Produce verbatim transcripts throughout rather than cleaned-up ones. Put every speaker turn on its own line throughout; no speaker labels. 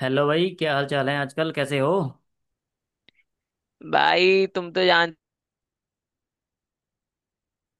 Hello भाई, क्या हाल चाल है? आजकल कैसे हो?
भाई तुम तो जान,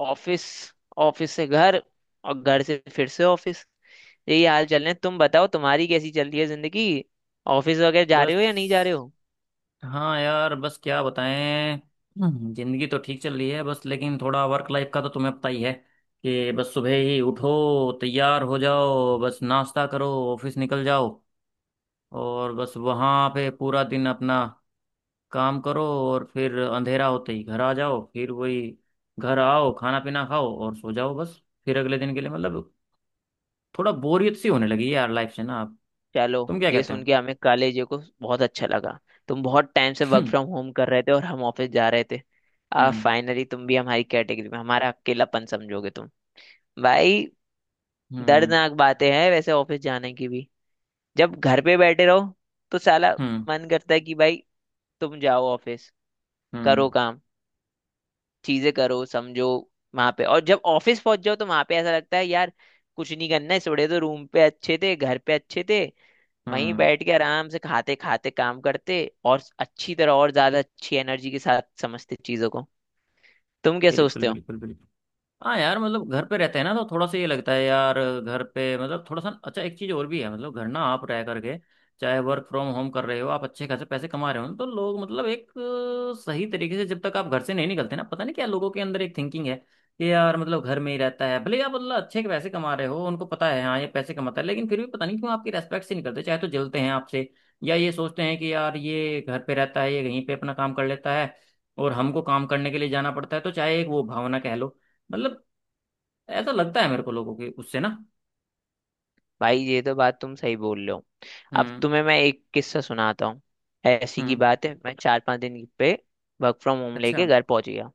ऑफिस, ऑफिस से घर और घर से फिर से ऑफिस। यही हाल चल रहे हैं। तुम बताओ, तुम्हारी कैसी चल रही है जिंदगी? ऑफिस वगैरह जा रहे हो या नहीं जा रहे
बस,
हो?
हाँ यार, बस क्या बताएं। हम्म, जिंदगी तो ठीक चल रही है बस, लेकिन थोड़ा वर्क लाइफ का तो तुम्हें पता ही है कि बस सुबह ही उठो, तैयार हो जाओ, बस नाश्ता करो, ऑफिस निकल जाओ, और बस वहाँ पे पूरा दिन अपना काम करो, और फिर अंधेरा होते ही घर आ जाओ। फिर वही, घर आओ, खाना पीना खाओ और सो जाओ, बस फिर अगले दिन के लिए। मतलब थोड़ा बोरियत सी होने लगी है यार, लाइफ से ना आप।
चलो,
तुम क्या
ये
कहते
सुन के हमें कॉलेज को बहुत अच्छा लगा। तुम बहुत टाइम से
हो?
वर्क फ्रॉम होम कर रहे थे और हम ऑफिस जा रहे थे। अब
हम्म।
फाइनली तुम भी हमारी कैटेगरी में, हमारा अकेलापन समझोगे तुम। भाई
हम्म।
दर्दनाक बातें हैं वैसे ऑफिस जाने की भी। जब घर पे बैठे रहो तो साला
हम्म।
मन करता है कि भाई तुम जाओ ऑफिस,
हम्म।
करो काम, चीजें करो, समझो वहां पे। और जब ऑफिस पहुंच जाओ तो वहां पे ऐसा लगता है यार कुछ नहीं करना है, थोड़े तो रूम पे अच्छे थे, घर पे अच्छे थे, वहीं
हम्म।
बैठ के आराम से खाते खाते काम करते और अच्छी तरह और ज्यादा अच्छी एनर्जी के साथ समझते चीजों को। तुम क्या
बिल्कुल
सोचते हो?
बिल्कुल बिल्कुल। हाँ यार, मतलब घर पे रहते हैं ना तो थोड़ा सा ये लगता है यार, घर पे मतलब थोड़ा सा अच्छा। एक चीज़ और भी है, मतलब घर ना आप रह करके, चाहे वर्क फ्रॉम होम कर रहे हो, आप अच्छे खासे पैसे कमा रहे हो, तो लोग मतलब एक अ, सही तरीके से जब तक आप घर से नहीं निकलते ना, पता नहीं क्या लोगों के अंदर एक थिंकिंग है कि यार मतलब घर में ही रहता है। भले ही आप मतलब अच्छे के पैसे कमा रहे हो, उनको पता है हाँ ये पैसे कमाता है, लेकिन फिर भी पता नहीं क्यों आपकी रेस्पेक्ट से नहीं करते, चाहे तो जलते हैं आपसे, या ये सोचते हैं कि यार ये घर पे रहता है, ये कहीं पे अपना काम कर लेता है और हमको काम करने के लिए जाना पड़ता है। तो चाहे एक वो भावना कह लो, मतलब ऐसा लगता है मेरे को लोगों के उससे ना।
भाई ये तो बात तुम सही बोल रहे हो। अब
हम्म।
तुम्हें मैं एक किस्सा सुनाता हूँ। ऐसी की
हम्म।
बात है, मैं चार पांच दिन पे वर्क फ्रॉम होम लेके
अच्छा।
घर पहुंच गया।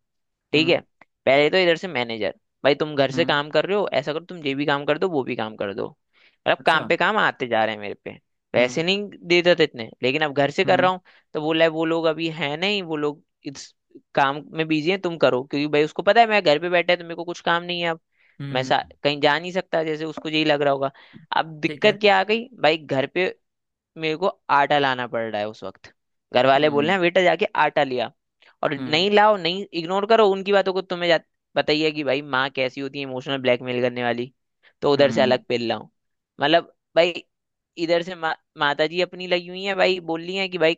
ठीक
हम्म।
है। पहले तो इधर से मैनेजर, भाई तुम घर से
हम्म।
काम कर रहे हो, ऐसा करो तुम ये भी काम कर दो वो भी काम कर दो, मतलब
अच्छा।
काम पे काम आते जा रहे हैं मेरे पे।
हम्म।
पैसे नहीं देते थे इतने, लेकिन अब घर से कर
हम्म।
रहा हूँ तो बोला है वो लोग अभी है नहीं, वो लोग इस काम में बिजी हैं, तुम करो, क्योंकि भाई उसको पता है मैं घर पे बैठा है तो मेरे को कुछ काम नहीं है अब। मैं
हम्म।
सा, कहीं जा नहीं सकता, जैसे उसको यही लग रहा होगा। अब
ठीक है।
दिक्कत क्या आ गई भाई घर पे? मेरे को आटा लाना पड़ रहा है उस वक्त। घर वाले बोल रहे
हम्म।
हैं बेटा जाके आटा लिया और
हम्म।
नहीं लाओ, नहीं, इग्नोर करो उनकी बातों को। तुम्हें जा- बताइए कि भाई माँ कैसी होती है, इमोशनल ब्लैकमेल करने वाली। तो उधर से अलग
हम्म।
पिल लाओ। मतलब भाई इधर से मा, माता जी अपनी लगी हुई है, भाई बोल रही है कि भाई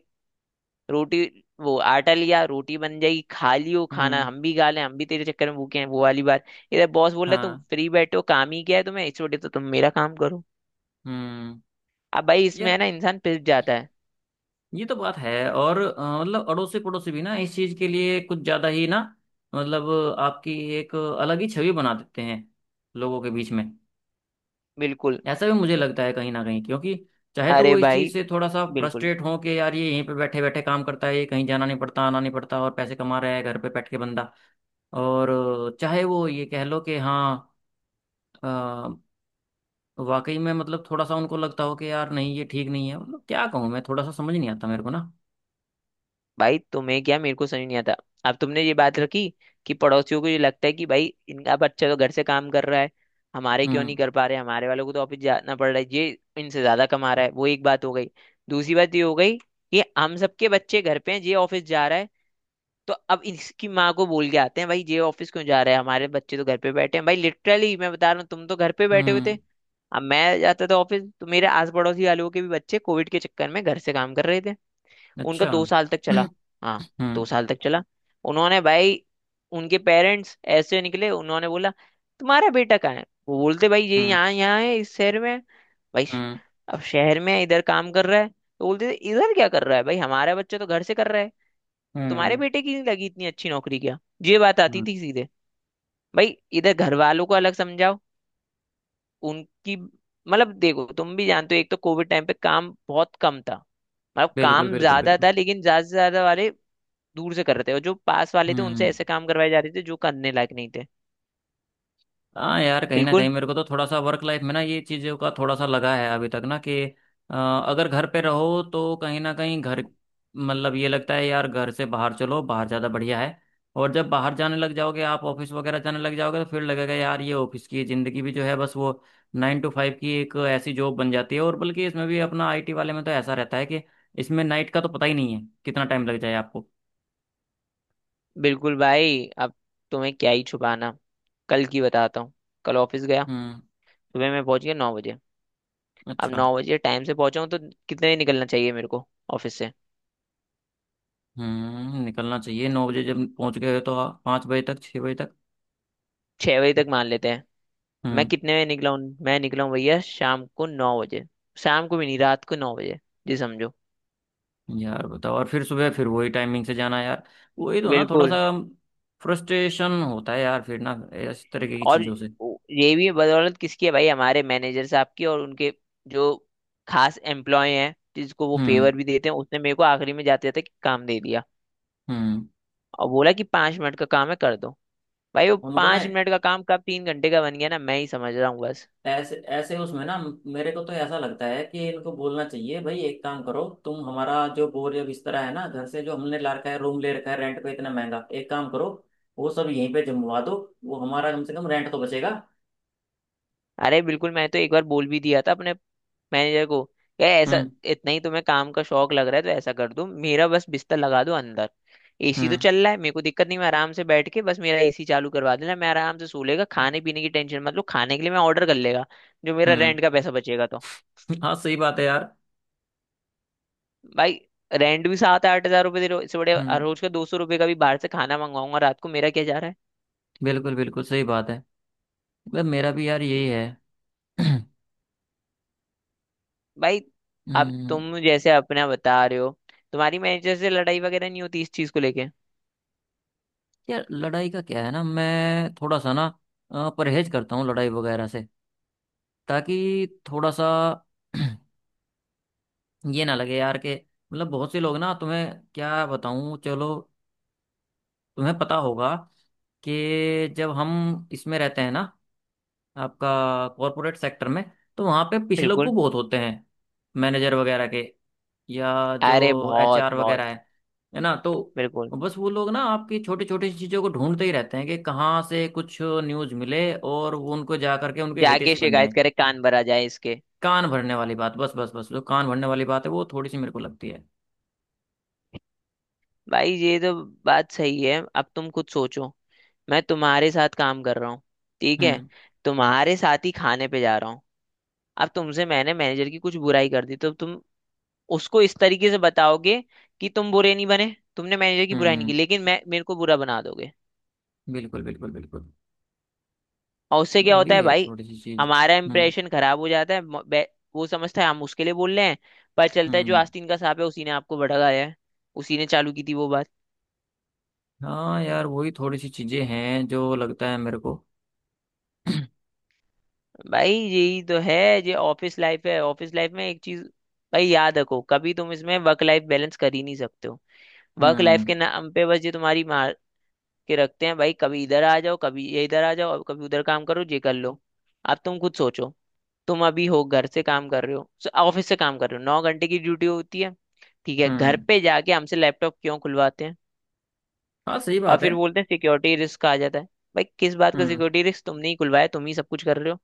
रोटी, वो आटा लिया रोटी बन जाएगी खा लियो खाना,
हम्म।
हम भी खा लें, हम भी तेरे चक्कर में भूखे हैं, वो वाली बात। इधर बॉस बोल रहा है तो
हाँ।
फ्री बैठो, काम ही क्या है तुम्हें, इस छोटे तो तुम मेरा काम करो।
हम्म।
अब भाई इसमें है
यार
ना इंसान पिस जाता है।
ये तो बात है। और अ, मतलब अड़ोसी पड़ोसी भी ना इस चीज के लिए कुछ ज्यादा ही ना, मतलब आपकी एक अलग ही छवि बना देते हैं लोगों के बीच में।
बिल्कुल।
ऐसा भी मुझे लगता है कहीं ना कहीं, क्योंकि चाहे तो
अरे
वो इस
भाई
चीज़ से थोड़ा सा
बिल्कुल।
फ्रस्ट्रेट हो कि यार ये यहीं पे बैठे बैठे काम करता है, ये कहीं जाना नहीं पड़ता, आना नहीं पड़ता, और पैसे कमा रहा है घर पे बैठ के बंदा। और अ, चाहे वो ये कह लो कि हाँ, अ, वाकई में मतलब थोड़ा सा उनको लगता हो कि यार नहीं ये ठीक नहीं है। मतलब क्या कहूँ मैं, थोड़ा सा समझ नहीं आता मेरे को ना।
भाई तुम्हें क्या, मेरे को समझ नहीं आता। अब तुमने ये बात रखी कि पड़ोसियों को ये लगता है कि भाई इनका बच्चा तो घर से काम कर रहा है, हमारे क्यों नहीं
हम्म।
कर पा रहे, हमारे वालों को तो ऑफिस जाना पड़ रहा है, ये इनसे ज्यादा कमा रहा है। वो एक बात हो गई। दूसरी बात ये हो गई कि हम सबके बच्चे घर पे हैं, ये ऑफिस जा रहा है, तो अब इसकी माँ को बोल के आते हैं भाई ये ऑफिस क्यों जा रहा है, हमारे बच्चे तो घर पे बैठे हैं। भाई लिटरली मैं बता रहा हूँ, तुम तो घर पे बैठे हुए थे।
हम्म।
अब मैं जाता था ऑफिस, तो मेरे आस पड़ोसी वालों के भी बच्चे कोविड के चक्कर में घर से काम कर रहे थे। उनका
अच्छा।
दो साल तक
हम्म।
चला। हाँ, दो साल तक चला। उन्होंने भाई, उनके पेरेंट्स ऐसे निकले, उन्होंने बोला तुम्हारा बेटा कहाँ है, वो बोलते भाई ये
हम्म।
यहाँ यहाँ है, इस शहर में है। भाई श-
हम्म।
अब शहर में है, इधर काम कर रहा है, तो बोलते थे इधर क्या कर रहा है भाई, हमारा बच्चा तो घर से कर रहा है, तुम्हारे
हम्म।
बेटे की नहीं लगी इतनी अच्छी नौकरी क्या? ये बात आती
हम्म।
थी सीधे। भाई इधर घर वालों को अलग समझाओ। उनकी मतलब, देखो तुम भी जानते हो, एक तो कोविड टाइम पे काम बहुत कम था, मतलब
बिल्कुल
काम
बिल्कुल
ज्यादा
बिल्कुल।
था लेकिन ज्यादा से ज्यादा वाले दूर से कर रहे थे और जो पास वाले थे उनसे
हम्म।
ऐसे काम करवाए जा रहे थे जो करने लायक नहीं थे।
हाँ यार कहीं ना कहीं
बिल्कुल
मेरे को तो थोड़ा सा वर्क लाइफ में ना ये चीज़ों का थोड़ा सा लगा है अभी तक ना कि अ, अगर घर पे रहो तो कहीं ना कहीं घर मतलब ये लगता है यार घर से बाहर चलो, बाहर ज़्यादा बढ़िया है। और जब बाहर जाने लग जाओगे, आप ऑफिस वगैरह जाने लग जाओगे, तो फिर लगेगा यार ये ऑफिस की ज़िंदगी भी जो है बस वो नाइन टू फाइव की एक ऐसी जॉब बन जाती है। और बल्कि इसमें भी अपना आई टी वाले में तो ऐसा रहता है कि इसमें नाइट का तो पता ही नहीं है कितना टाइम लग जाए आपको।
बिल्कुल भाई। अब तुम्हें क्या ही छुपाना, कल की बताता हूँ। कल ऑफिस गया,
हम्म।
सुबह मैं पहुंच गया नौ बजे। अब
अच्छा।
नौ बजे टाइम से पहुंचा हूँ तो कितने बजे निकलना चाहिए मेरे को ऑफिस से?
हम्म। निकलना चाहिए नौ बजे, जब पहुंच गए हो तो। पाँच बजे तक, छः बजे तक।
छह बजे तक मान लेते हैं। मैं
हम्म।
कितने बजे निकला हूँ? मैं निकला हूँ भैया शाम को नौ बजे। शाम को भी नहीं, रात को नौ बजे जी, समझो।
यार बताओ, और फिर सुबह फिर वही टाइमिंग से जाना यार, वही तो ना, थोड़ा सा
बिल्कुल।
फ्रस्ट्रेशन होता है यार फिर ना, इस तरीके की
और
चीजों से।
ये भी बदौलत किसकी है भाई, हमारे मैनेजर साहब की और उनके जो खास एम्प्लॉय हैं जिसको वो
हम्म।
फेवर भी देते हैं, उसने मेरे को आखिरी में जाते जाते काम दे दिया,
हम्म।
और बोला कि पांच मिनट का काम है कर दो। भाई वो
उनको ना
पांच मिनट का काम कब तीन घंटे का बन गया ना, मैं ही समझ रहा हूँ बस।
ऐसे ऐसे उसमें ना, मेरे को तो ऐसा लगता है कि इनको बोलना चाहिए भाई एक काम करो, तुम हमारा जो बोर या बिस्तरा है ना, घर से जो हमने ला रखा है, रूम ले रखा है रेंट पे इतना महंगा, एक काम करो वो सब यहीं पे जमवा दो। वो हमारा कम से कम रेंट तो बचेगा।
अरे बिल्कुल, मैं तो एक बार बोल भी दिया था अपने मैनेजर को, यार ऐसा
हम्म।
इतना ही तुम्हें काम का शौक लग रहा है तो ऐसा कर दो, मेरा बस बिस्तर लगा दो अंदर। एसी तो
हम्म।
चल रहा है, मेरे को दिक्कत नहीं, मैं आराम से बैठ के बस, मेरा एसी चालू करवा देना, मैं आराम से सो लेगा। खाने पीने की टेंशन मत लो, खाने के लिए मैं ऑर्डर कर लेगा, जो मेरा
हम्म।
रेंट का पैसा बचेगा तो।
हाँ सही बात है यार।
भाई, रेंट भी सात आठ हजार रुपये दे रहे हो, इससे बड़े हर
हम्म।
रोज का दो सौ रुपये का भी बाहर से खाना मंगाऊंगा रात को, मेरा क्या जा रहा
बिल्कुल बिल्कुल सही बात है, मतलब मेरा भी यार
है?
यही है।
भाई अब
हम्म।
तुम जैसे अपना बता रहे हो, तुम्हारी मैनेजर से लड़ाई वगैरह नहीं होती इस चीज को लेके?
यार लड़ाई का क्या है ना, मैं थोड़ा सा ना अ, परहेज करता हूँ लड़ाई वगैरह से, ताकि थोड़ा सा ये ना लगे यार कि मतलब बहुत से लोग ना तुम्हें क्या बताऊं। चलो, तुम्हें पता होगा कि जब हम इसमें रहते हैं ना, आपका कॉरपोरेट सेक्टर में, तो वहां पे पिछले को
बिल्कुल।
बहुत होते हैं मैनेजर वगैरह के, या जो
अरे बहुत
एच आर
बहुत
वगैरह है है ना? तो
बिल्कुल।
बस वो लोग ना आपकी छोटी छोटी चीज़ों को ढूंढते ही रहते हैं कि कहाँ से कुछ न्यूज़ मिले, और वो उनको जा करके उनके
जाके
हितैषी बन जाए।
शिकायत करे, कान भरा जाए इसके।
कान भरने वाली बात, बस बस बस, जो कान भरने वाली बात है वो थोड़ी सी मेरे को लगती है।
भाई ये तो बात सही है। अब तुम खुद सोचो, मैं तुम्हारे साथ काम कर रहा हूँ। ठीक है।
हम्म।
तुम्हारे साथ ही खाने पे जा रहा हूँ। अब तुमसे मैंने मैनेजर की कुछ बुराई कर दी, तो तुम उसको इस तरीके से बताओगे कि तुम बुरे नहीं बने, तुमने मैनेजर की बुराई नहीं
हम्म।
की, लेकिन मैं, मेरे को बुरा बना दोगे।
बिल्कुल बिल्कुल बिल्कुल।
और उससे क्या होता
वही
है
है
भाई,
थोड़ी सी चीज़।
हमारा
हम्म।
इंप्रेशन खराब हो जाता है। म- बे- वो समझता है हम उसके लिए बोल रहे हैं, पर चलता है जो
हम्म।
आस्तीन का सांप है, उसी ने आपको भड़काया है, उसी ने चालू की थी वो बात।
हाँ यार वही थोड़ी सी चीज़ें हैं जो लगता है मेरे को।
भाई यही तो है, ये ऑफिस लाइफ है। ऑफिस लाइफ में एक चीज भाई याद रखो, कभी तुम इसमें वर्क लाइफ बैलेंस कर ही नहीं सकते हो। वर्क लाइफ
हम्म।
के नाम पे बस ये तुम्हारी मार के रखते हैं भाई, कभी इधर आ जाओ, कभी ये इधर आ जाओ, और कभी उधर काम करो, ये कर लो। अब तुम खुद सोचो, तुम अभी हो घर से काम कर रहे हो, ऑफिस से काम कर रहे हो, नौ घंटे की ड्यूटी होती है। ठीक है, घर
हम्म।
पे जाके हमसे लैपटॉप क्यों खुलवाते हैं?
हाँ सही
और
बात है।
फिर बोलते हैं सिक्योरिटी रिस्क आ जाता है। भाई किस बात का
हम्म।
Security risk? तुमने ही खुलवाया, तुम ही सब कुछ कर रहे हो,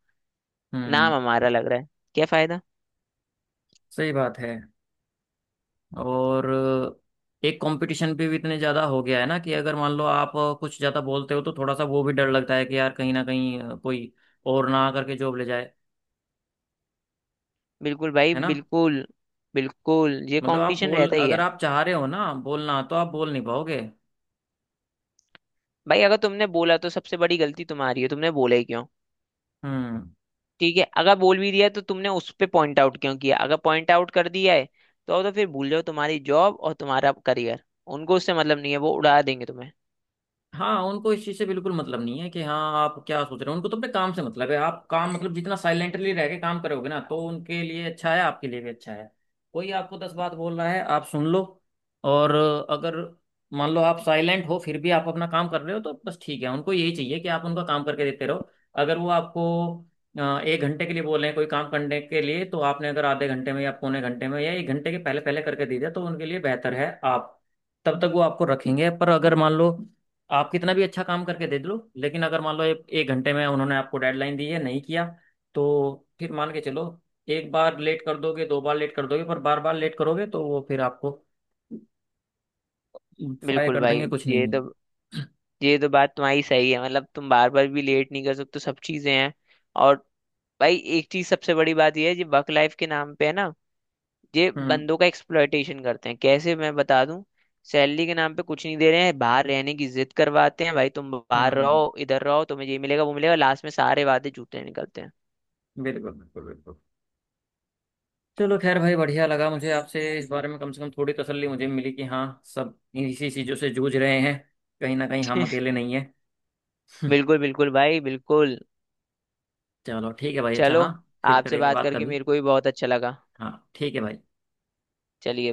हम्म।
नाम हमारा लग रहा है, क्या फायदा?
सही बात है। और एक कंपटीशन पे भी इतने ज़्यादा हो गया है ना कि अगर मान लो आप कुछ ज़्यादा बोलते हो तो थोड़ा सा वो भी डर लगता है कि यार कहीं ना कहीं कोई और ना आकर के जॉब ले जाए,
बिल्कुल भाई
है ना?
बिल्कुल। बिल्कुल, ये
मतलब आप
कंपटीशन
बोल,
रहता ही
अगर
है।
आप चाह रहे हो ना बोलना तो आप बोल नहीं पाओगे।
भाई अगर तुमने बोला तो सबसे बड़ी गलती तुम्हारी है, तुमने बोला ही क्यों?
हम्म।
ठीक है, अगर बोल भी दिया तो तुमने उस पे पॉइंट आउट क्यों किया? अगर पॉइंट आउट कर दिया है तो तो फिर भूल जाओ तुम्हारी जॉब और तुम्हारा करियर। उनको उससे मतलब नहीं है, वो उड़ा देंगे तुम्हें।
हाँ उनको इस चीज से बिल्कुल मतलब नहीं है कि हाँ आप क्या सोच रहे हो। उनको तो अपने काम से मतलब है, आप काम मतलब जितना साइलेंटली रह के काम करोगे ना तो उनके लिए अच्छा है, आपके लिए भी अच्छा है। कोई आपको दस बात बोल रहा है, आप सुन लो, और अगर मान लो आप साइलेंट हो फिर भी आप अपना काम कर रहे हो तो बस ठीक है, उनको यही चाहिए कि आप उनका काम करके देते रहो। अगर वो आपको अ, एक घंटे के लिए बोल रहे हैं कोई काम करने के लिए, तो आपने अगर आधे घंटे में या पौने घंटे में या एक घंटे के पहले पहले करके दे दिया, तो उनके लिए बेहतर है। आप तब तक वो आपको रखेंगे। पर अगर मान लो आप कितना भी अच्छा काम करके दे दो, लेकिन अगर मान लो एक एक घंटे में उन्होंने आपको डेडलाइन दी है, नहीं किया, तो फिर मान के चलो, एक बार लेट कर दोगे, दो बार लेट कर दोगे, पर बार बार लेट करोगे तो वो फिर आपको फायर
बिल्कुल
कर
भाई,
देंगे, कुछ नहीं
ये
है।
तो ये तो बात तुम्हारी सही है, मतलब तुम बार बार भी लेट नहीं कर सकते, सब चीजें हैं। और भाई एक चीज सबसे बड़ी बात ये है जी, वर्क लाइफ के नाम पे है ना, ये
हम्म।
बंदों का एक्सप्लॉयटेशन करते हैं, कैसे मैं बता दूं? सैलरी के नाम पे कुछ नहीं दे रहे हैं, बाहर रहने की जिद करवाते हैं भाई, तुम बाहर
हम्म।
रहो इधर रहो, तुम्हें ये मिलेगा वो मिलेगा, लास्ट में सारे वादे झूठे निकलते हैं।
बिल्कुल बिल्कुल बिल्कुल। चलो खैर भाई, बढ़िया लगा मुझे आपसे इस बारे में। कम से कम थोड़ी तसल्ली मुझे मिली कि हाँ सब इसी चीज़ों से जूझ रहे हैं, कहीं ना कहीं हम अकेले नहीं है।
बिल्कुल बिल्कुल भाई बिल्कुल।
चलो ठीक है भाई, अच्छा
चलो,
हाँ, फिर
आपसे
करेंगे
बात
बात
करके
कभी।
मेरे को भी बहुत अच्छा लगा।
हाँ ठीक है भाई।
चलिए।